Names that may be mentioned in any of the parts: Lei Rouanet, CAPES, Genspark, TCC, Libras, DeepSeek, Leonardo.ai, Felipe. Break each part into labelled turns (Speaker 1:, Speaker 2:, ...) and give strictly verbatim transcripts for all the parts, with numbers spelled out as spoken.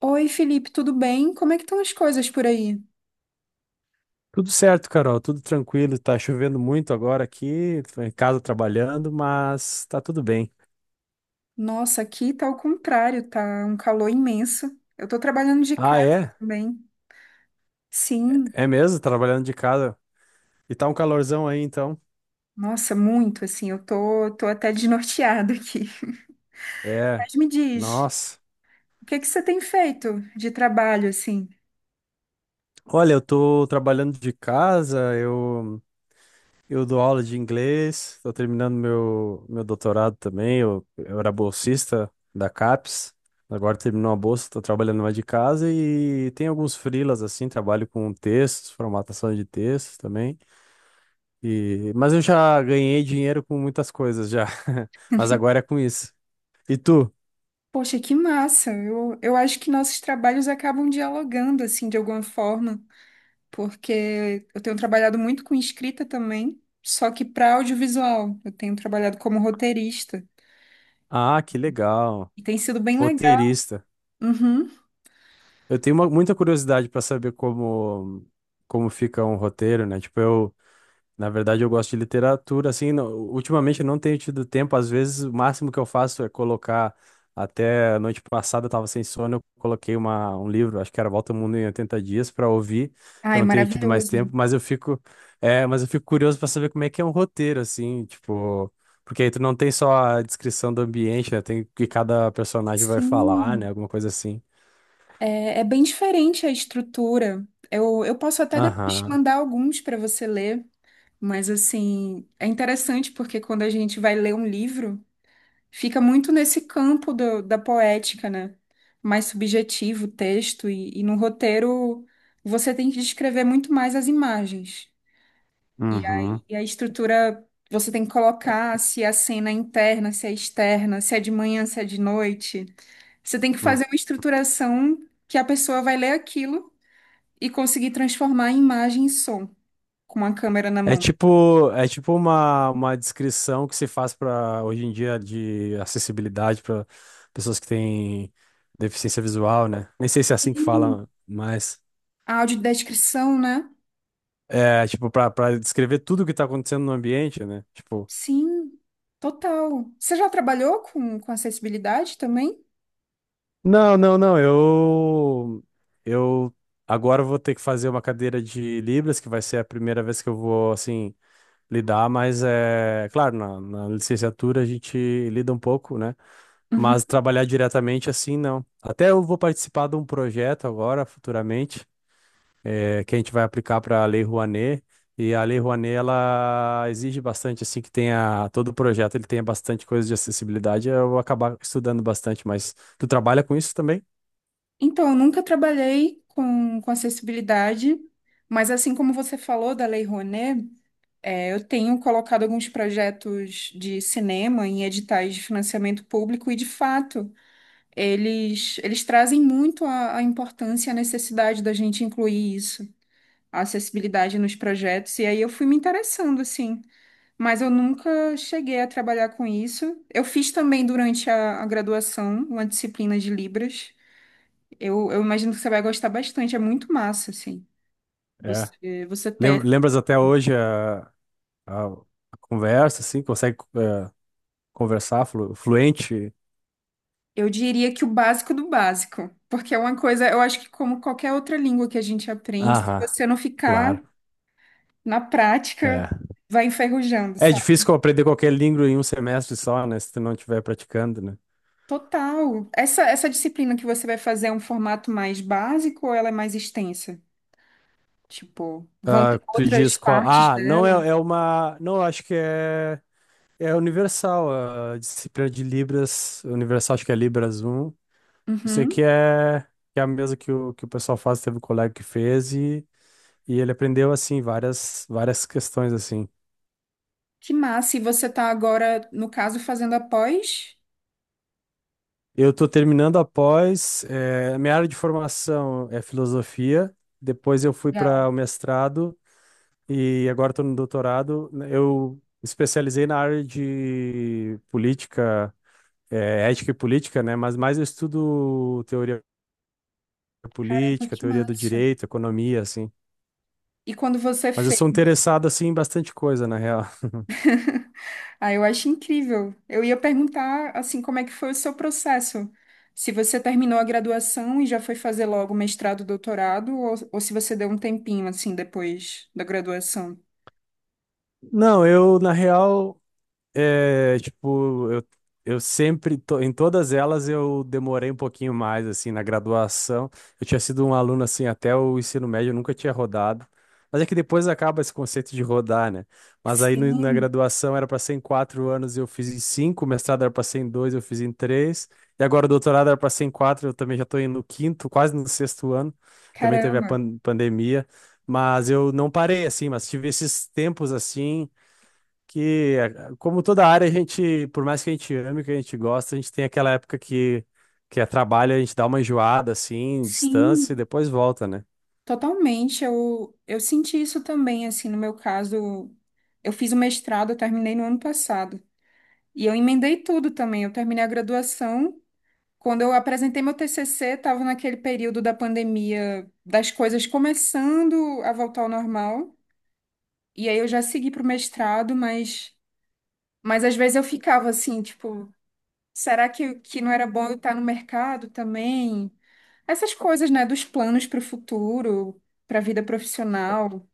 Speaker 1: Oi, Felipe, tudo bem? Como é que estão as coisas por aí?
Speaker 2: Tudo certo, Carol, tudo tranquilo. Tá chovendo muito agora aqui, tô em casa trabalhando, mas tá tudo bem.
Speaker 1: Nossa, aqui tá ao contrário, tá um calor imenso. Eu tô trabalhando de
Speaker 2: Ah,
Speaker 1: casa
Speaker 2: é?
Speaker 1: também. Sim,
Speaker 2: É mesmo? Trabalhando de casa. E tá um calorzão aí, então?
Speaker 1: nossa, muito assim, eu tô, tô até desnorteada aqui.
Speaker 2: É.
Speaker 1: Mas me diz,
Speaker 2: Nossa.
Speaker 1: o que é que você tem feito de trabalho assim?
Speaker 2: Olha, eu tô trabalhando de casa, eu, eu dou aula de inglês, tô terminando meu, meu doutorado também. Eu, eu era bolsista da CAPES, agora terminou a bolsa, tô trabalhando mais de casa e tem alguns freelas assim, trabalho com textos, formatação de textos também. E... Mas eu já ganhei dinheiro com muitas coisas já. Mas agora é com isso. E tu?
Speaker 1: Poxa, que massa! Eu, eu acho que nossos trabalhos acabam dialogando assim de alguma forma, porque eu tenho trabalhado muito com escrita também, só que para audiovisual. Eu tenho trabalhado como roteirista.
Speaker 2: Ah, que legal.
Speaker 1: E tem sido bem legal.
Speaker 2: Roteirista.
Speaker 1: Uhum.
Speaker 2: Eu tenho uma- muita curiosidade para saber como como fica um roteiro, né? Tipo, eu Na verdade, eu gosto de literatura, assim, não- ultimamente eu não tenho tido tempo, às vezes o máximo que eu faço é colocar, até a noite passada eu tava sem sono, eu coloquei uma, um livro, acho que era Volta ao Mundo em oitenta Dias, para ouvir, que eu
Speaker 1: Ai,
Speaker 2: não tenho tido mais
Speaker 1: maravilhoso.
Speaker 2: tempo, mas eu fico, é, mas eu fico curioso para saber como é que é um roteiro, assim, tipo, porque aí tu não tem só a descrição do ambiente, né, tem o que cada personagem vai falar, né,
Speaker 1: Sim,
Speaker 2: alguma coisa assim.
Speaker 1: é, é bem diferente a estrutura. Eu, eu posso até depois te
Speaker 2: Aham,
Speaker 1: mandar alguns para você ler, mas assim, é interessante porque quando a gente vai ler um livro, fica muito nesse campo do- da poética, né? Mais subjetivo o texto, e, e no roteiro você tem que descrever muito mais as imagens. E
Speaker 2: uhum,
Speaker 1: aí a estrutura, você tem que colocar se é a cena é interna, se é externa, se é de manhã, se é de noite. Você tem que
Speaker 2: uhum.
Speaker 1: fazer uma estruturação que a pessoa vai ler aquilo e conseguir transformar em imagem em som com a câmera na
Speaker 2: É
Speaker 1: mão.
Speaker 2: tipo, é tipo uma, uma descrição que se faz para hoje em dia de acessibilidade para pessoas que têm deficiência visual, né? Nem sei se é assim que
Speaker 1: Sim.
Speaker 2: fala, mas
Speaker 1: A audiodescrição, né?
Speaker 2: é tipo para para descrever tudo o que tá acontecendo no ambiente, né? Tipo,
Speaker 1: Sim, total. Você já trabalhou com, com acessibilidade também?
Speaker 2: não, não, não, eu eu agora eu vou ter que fazer uma cadeira de Libras, que vai ser a primeira vez que eu vou assim lidar, mas é claro, na, na licenciatura a gente lida um pouco, né?
Speaker 1: Uhum.
Speaker 2: Mas trabalhar diretamente assim, não. Até eu vou participar de um projeto agora, futuramente, eh, que a gente vai aplicar para a Lei Rouanet. E a Lei Rouanet, ela exige bastante, assim, que tenha, todo o projeto ele tenha bastante coisa de acessibilidade. Eu vou acabar estudando bastante, mas tu trabalha com isso também?
Speaker 1: Então, eu nunca trabalhei com, com acessibilidade, mas assim como você falou da Lei Rouanet. É, eu tenho colocado alguns projetos de cinema em editais de financiamento público e, de fato, eles, eles trazem muito a, a importância e a necessidade da gente incluir isso, a acessibilidade nos projetos. E aí eu fui me interessando, assim, mas eu nunca cheguei a trabalhar com isso. Eu fiz também durante a, a graduação uma disciplina de Libras. Eu, eu imagino que você vai gostar bastante, é muito massa, assim.
Speaker 2: É.
Speaker 1: Você, você
Speaker 2: Lem-
Speaker 1: ter
Speaker 2: Lembras até hoje a, a- a conversa, assim, consegue, eh, conversar flu- fluente?
Speaker 1: eu diria que o básico do básico, porque é uma coisa, eu acho que como qualquer outra língua que a gente aprende, se
Speaker 2: Aham,
Speaker 1: você não ficar
Speaker 2: claro.
Speaker 1: na
Speaker 2: É
Speaker 1: prática, vai enferrujando,
Speaker 2: É
Speaker 1: sabe?
Speaker 2: difícil aprender qualquer língua em um semestre só, né? Se tu não estiver praticando, né?
Speaker 1: Total. Essa, essa disciplina que você vai fazer é um formato mais básico ou ela é mais extensa? Tipo, vão
Speaker 2: Ah,
Speaker 1: ter
Speaker 2: tu
Speaker 1: outras
Speaker 2: diz qual.
Speaker 1: partes
Speaker 2: Ah, não
Speaker 1: dela?
Speaker 2: é, é uma. Não, acho que é. É universal. A disciplina de Libras. Universal, acho que é Libras um. Eu sei
Speaker 1: Uhum.
Speaker 2: que é, que é a mesma que o, que o pessoal faz, teve um colega que fez e, e ele aprendeu, assim, várias, várias questões, assim.
Speaker 1: Que massa. E você tá agora, no caso, fazendo a pós?
Speaker 2: Eu tô terminando após. Eh, minha área de formação é filosofia. Depois eu fui para
Speaker 1: Legal.
Speaker 2: o mestrado. E agora estou no doutorado. Né, eu especializei na área de política, eh, ética e política, né? Mas mais eu estudo teoria política,
Speaker 1: Que
Speaker 2: teoria do
Speaker 1: massa.
Speaker 2: direito, economia, assim.
Speaker 1: E quando você
Speaker 2: Mas eu sou
Speaker 1: fez?
Speaker 2: interessado, assim, em bastante coisa, na real.
Speaker 1: Ah, eu acho incrível. Eu ia perguntar, assim, como é que foi o seu processo? Se você terminou a graduação e já foi fazer logo mestrado, doutorado, ou, ou se você deu um tempinho, assim, depois da graduação?
Speaker 2: Não, eu, na real, É, tipo, eu, eu sempre, to- em todas elas eu demorei um pouquinho mais, assim, na graduação. Eu tinha sido um aluno, assim, até o ensino médio, eu nunca tinha rodado. Mas é que depois acaba esse conceito de rodar, né? Mas aí no- na
Speaker 1: Sim,
Speaker 2: graduação era para ser em quatro anos, eu fiz em cinco, o mestrado era para ser em dois, eu fiz em três. E agora o doutorado era para ser em quatro, eu também já estou indo no quinto, quase no sexto ano. Também teve a
Speaker 1: caramba.
Speaker 2: pan- pandemia. Mas eu não parei, assim, mas tive esses tempos, assim, que, eh, como toda área, a gente, por mais que a gente ame, que a gente gosta, a gente tem aquela época que, que é trabalho, a gente dá uma enjoada, assim, distância, e
Speaker 1: Sim,
Speaker 2: depois volta, né?
Speaker 1: totalmente. Eu, eu senti isso também, assim, no meu caso. Eu fiz o mestrado, eu terminei no ano passado. E eu emendei tudo também. Eu terminei a graduação. Quando eu apresentei meu T C C, estava naquele período da pandemia, das coisas começando a voltar ao normal. E aí eu já segui para o mestrado, mas, mas às vezes eu ficava assim, tipo, será que, que não era bom eu estar no mercado também? Essas coisas, né, dos planos para o futuro, para a vida profissional.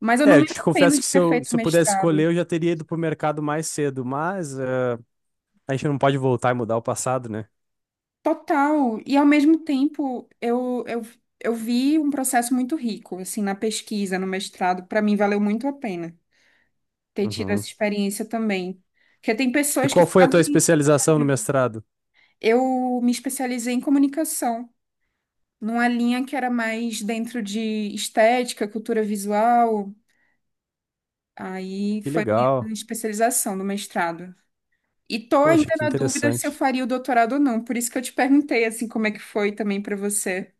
Speaker 1: Mas eu não
Speaker 2: É, eu
Speaker 1: me
Speaker 2: te
Speaker 1: arrependo
Speaker 2: confesso
Speaker 1: de
Speaker 2: que se
Speaker 1: ter
Speaker 2: eu,
Speaker 1: feito
Speaker 2: se eu pudesse escolher,
Speaker 1: mestrado.
Speaker 2: eu já teria ido pro mercado mais cedo, mas eh, a gente não pode voltar e mudar o passado, né?
Speaker 1: Total. E ao mesmo tempo, eu, eu, eu vi um processo muito rico, assim, na pesquisa, no mestrado. Para mim, valeu muito a pena ter tido essa
Speaker 2: Uhum.
Speaker 1: experiência também. Porque tem
Speaker 2: E
Speaker 1: pessoas que
Speaker 2: qual foi a tua
Speaker 1: fazem.
Speaker 2: especialização no mestrado?
Speaker 1: Eu me especializei em comunicação, numa linha que era mais dentro de estética, cultura visual. Aí
Speaker 2: Que
Speaker 1: foi minha
Speaker 2: legal.
Speaker 1: especialização no mestrado. E tô
Speaker 2: Poxa,
Speaker 1: ainda
Speaker 2: que
Speaker 1: na dúvida se eu
Speaker 2: interessante.
Speaker 1: faria o doutorado ou não. Por isso que eu te perguntei, assim, como é que foi também para você.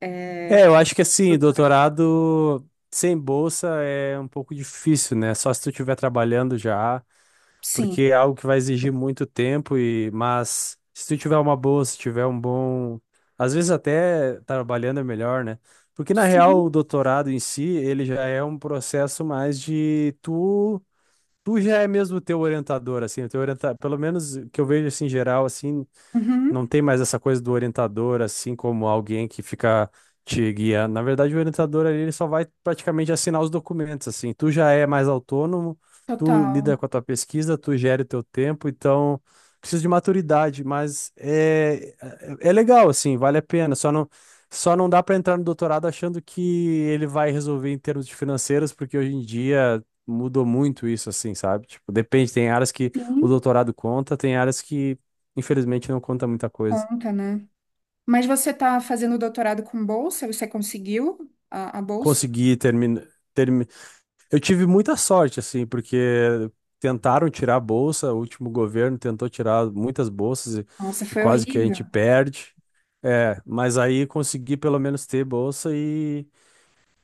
Speaker 1: É,
Speaker 2: É, eu acho que assim, doutorado sem bolsa é um pouco difícil, né? Só se tu estiver trabalhando já.
Speaker 1: sim.
Speaker 2: Porque é algo que vai exigir muito tempo e mas se tu tiver uma boa, se tiver um bom, às vezes até trabalhando é melhor, né? Porque na real
Speaker 1: Sim.
Speaker 2: o doutorado em si, ele já é um processo mais de tu tu já é mesmo teu orientador assim, o teu orienta... pelo menos que eu vejo assim em geral assim,
Speaker 1: Uhum,
Speaker 2: não tem mais essa coisa do orientador, assim como alguém que fica te guiando. Na verdade, o orientador ali, ele só vai praticamente assinar os documentos, assim. Tu já é mais autônomo, tu lida
Speaker 1: total.
Speaker 2: com a tua pesquisa, tu gere o teu tempo, então precisa de maturidade, mas é, é é legal, assim, vale a pena. Só não, só não dá para entrar no doutorado achando que ele vai resolver em termos de financeiros, porque hoje em dia mudou muito isso, assim, sabe? Tipo, depende, tem áreas que o
Speaker 1: Sim,
Speaker 2: doutorado conta, tem áreas que infelizmente não conta muita coisa.
Speaker 1: conta, né? Mas você tá fazendo doutorado com bolsa? Você conseguiu a, a bolsa?
Speaker 2: Consegui terminar. Termi... Eu tive muita sorte, assim, porque tentaram tirar a bolsa, o último governo tentou tirar muitas bolsas e,
Speaker 1: Nossa,
Speaker 2: e
Speaker 1: foi
Speaker 2: quase que a
Speaker 1: horrível.
Speaker 2: gente perde. É, mas aí consegui pelo menos ter bolsa e,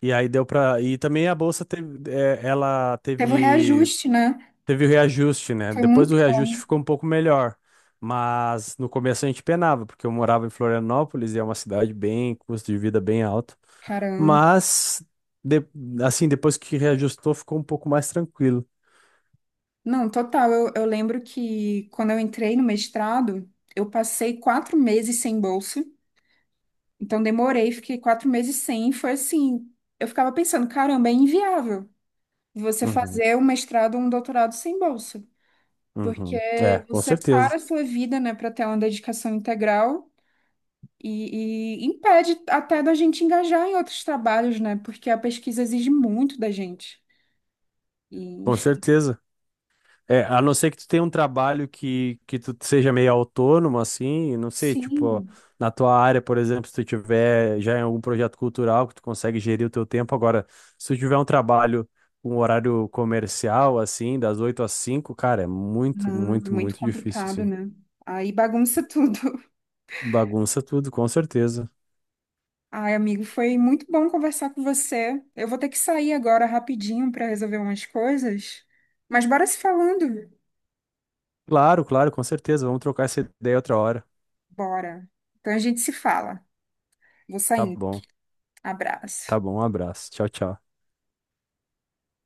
Speaker 2: e aí deu para. E também a bolsa teve, é, ela
Speaker 1: Teve o
Speaker 2: teve,
Speaker 1: reajuste, né?
Speaker 2: teve o reajuste, né?
Speaker 1: Foi
Speaker 2: Depois
Speaker 1: muito
Speaker 2: do
Speaker 1: bom,
Speaker 2: reajuste ficou um pouco melhor. Mas no começo a gente penava, porque eu morava em Florianópolis e é uma cidade bem, custo de vida bem alto.
Speaker 1: caramba.
Speaker 2: Mas, de- assim, depois que reajustou, ficou um pouco mais tranquilo.
Speaker 1: Não, total. Eu, eu lembro que quando eu entrei no mestrado, eu passei quatro meses sem bolsa. Então demorei, fiquei quatro meses sem. e foi assim, eu ficava pensando, caramba, é inviável você
Speaker 2: Uhum,
Speaker 1: fazer um mestrado ou um doutorado sem bolsa. Porque
Speaker 2: uhum. É, com
Speaker 1: você para
Speaker 2: certeza.
Speaker 1: a sua vida, né, para ter uma dedicação integral e, e impede até da gente engajar em outros trabalhos, né? Porque a pesquisa exige muito da gente. E,
Speaker 2: Com
Speaker 1: enfim.
Speaker 2: certeza. É, a não ser que tu tenha um trabalho que, que tu seja meio autônomo, assim, não sei, tipo,
Speaker 1: Sim,
Speaker 2: na tua área, por exemplo, se tu tiver já em algum projeto cultural que tu consegue gerir o teu tempo. Agora, se tu tiver um trabalho com horário comercial, assim, das oito às cinco cara, é muito,
Speaker 1: não, é
Speaker 2: muito,
Speaker 1: muito
Speaker 2: muito difícil,
Speaker 1: complicado,
Speaker 2: assim.
Speaker 1: né? Aí bagunça tudo.
Speaker 2: Bagunça tudo, com certeza.
Speaker 1: Ai, amigo, foi muito bom conversar com você. Eu vou ter que sair agora rapidinho para resolver umas coisas. Mas bora se falando.
Speaker 2: Claro, claro, com certeza. Vamos trocar essa ideia outra hora.
Speaker 1: Bora. Então a gente se fala. Vou
Speaker 2: Tá
Speaker 1: saindo.
Speaker 2: bom. Tá
Speaker 1: Abraço.
Speaker 2: bom, um abraço. Tchau, tchau.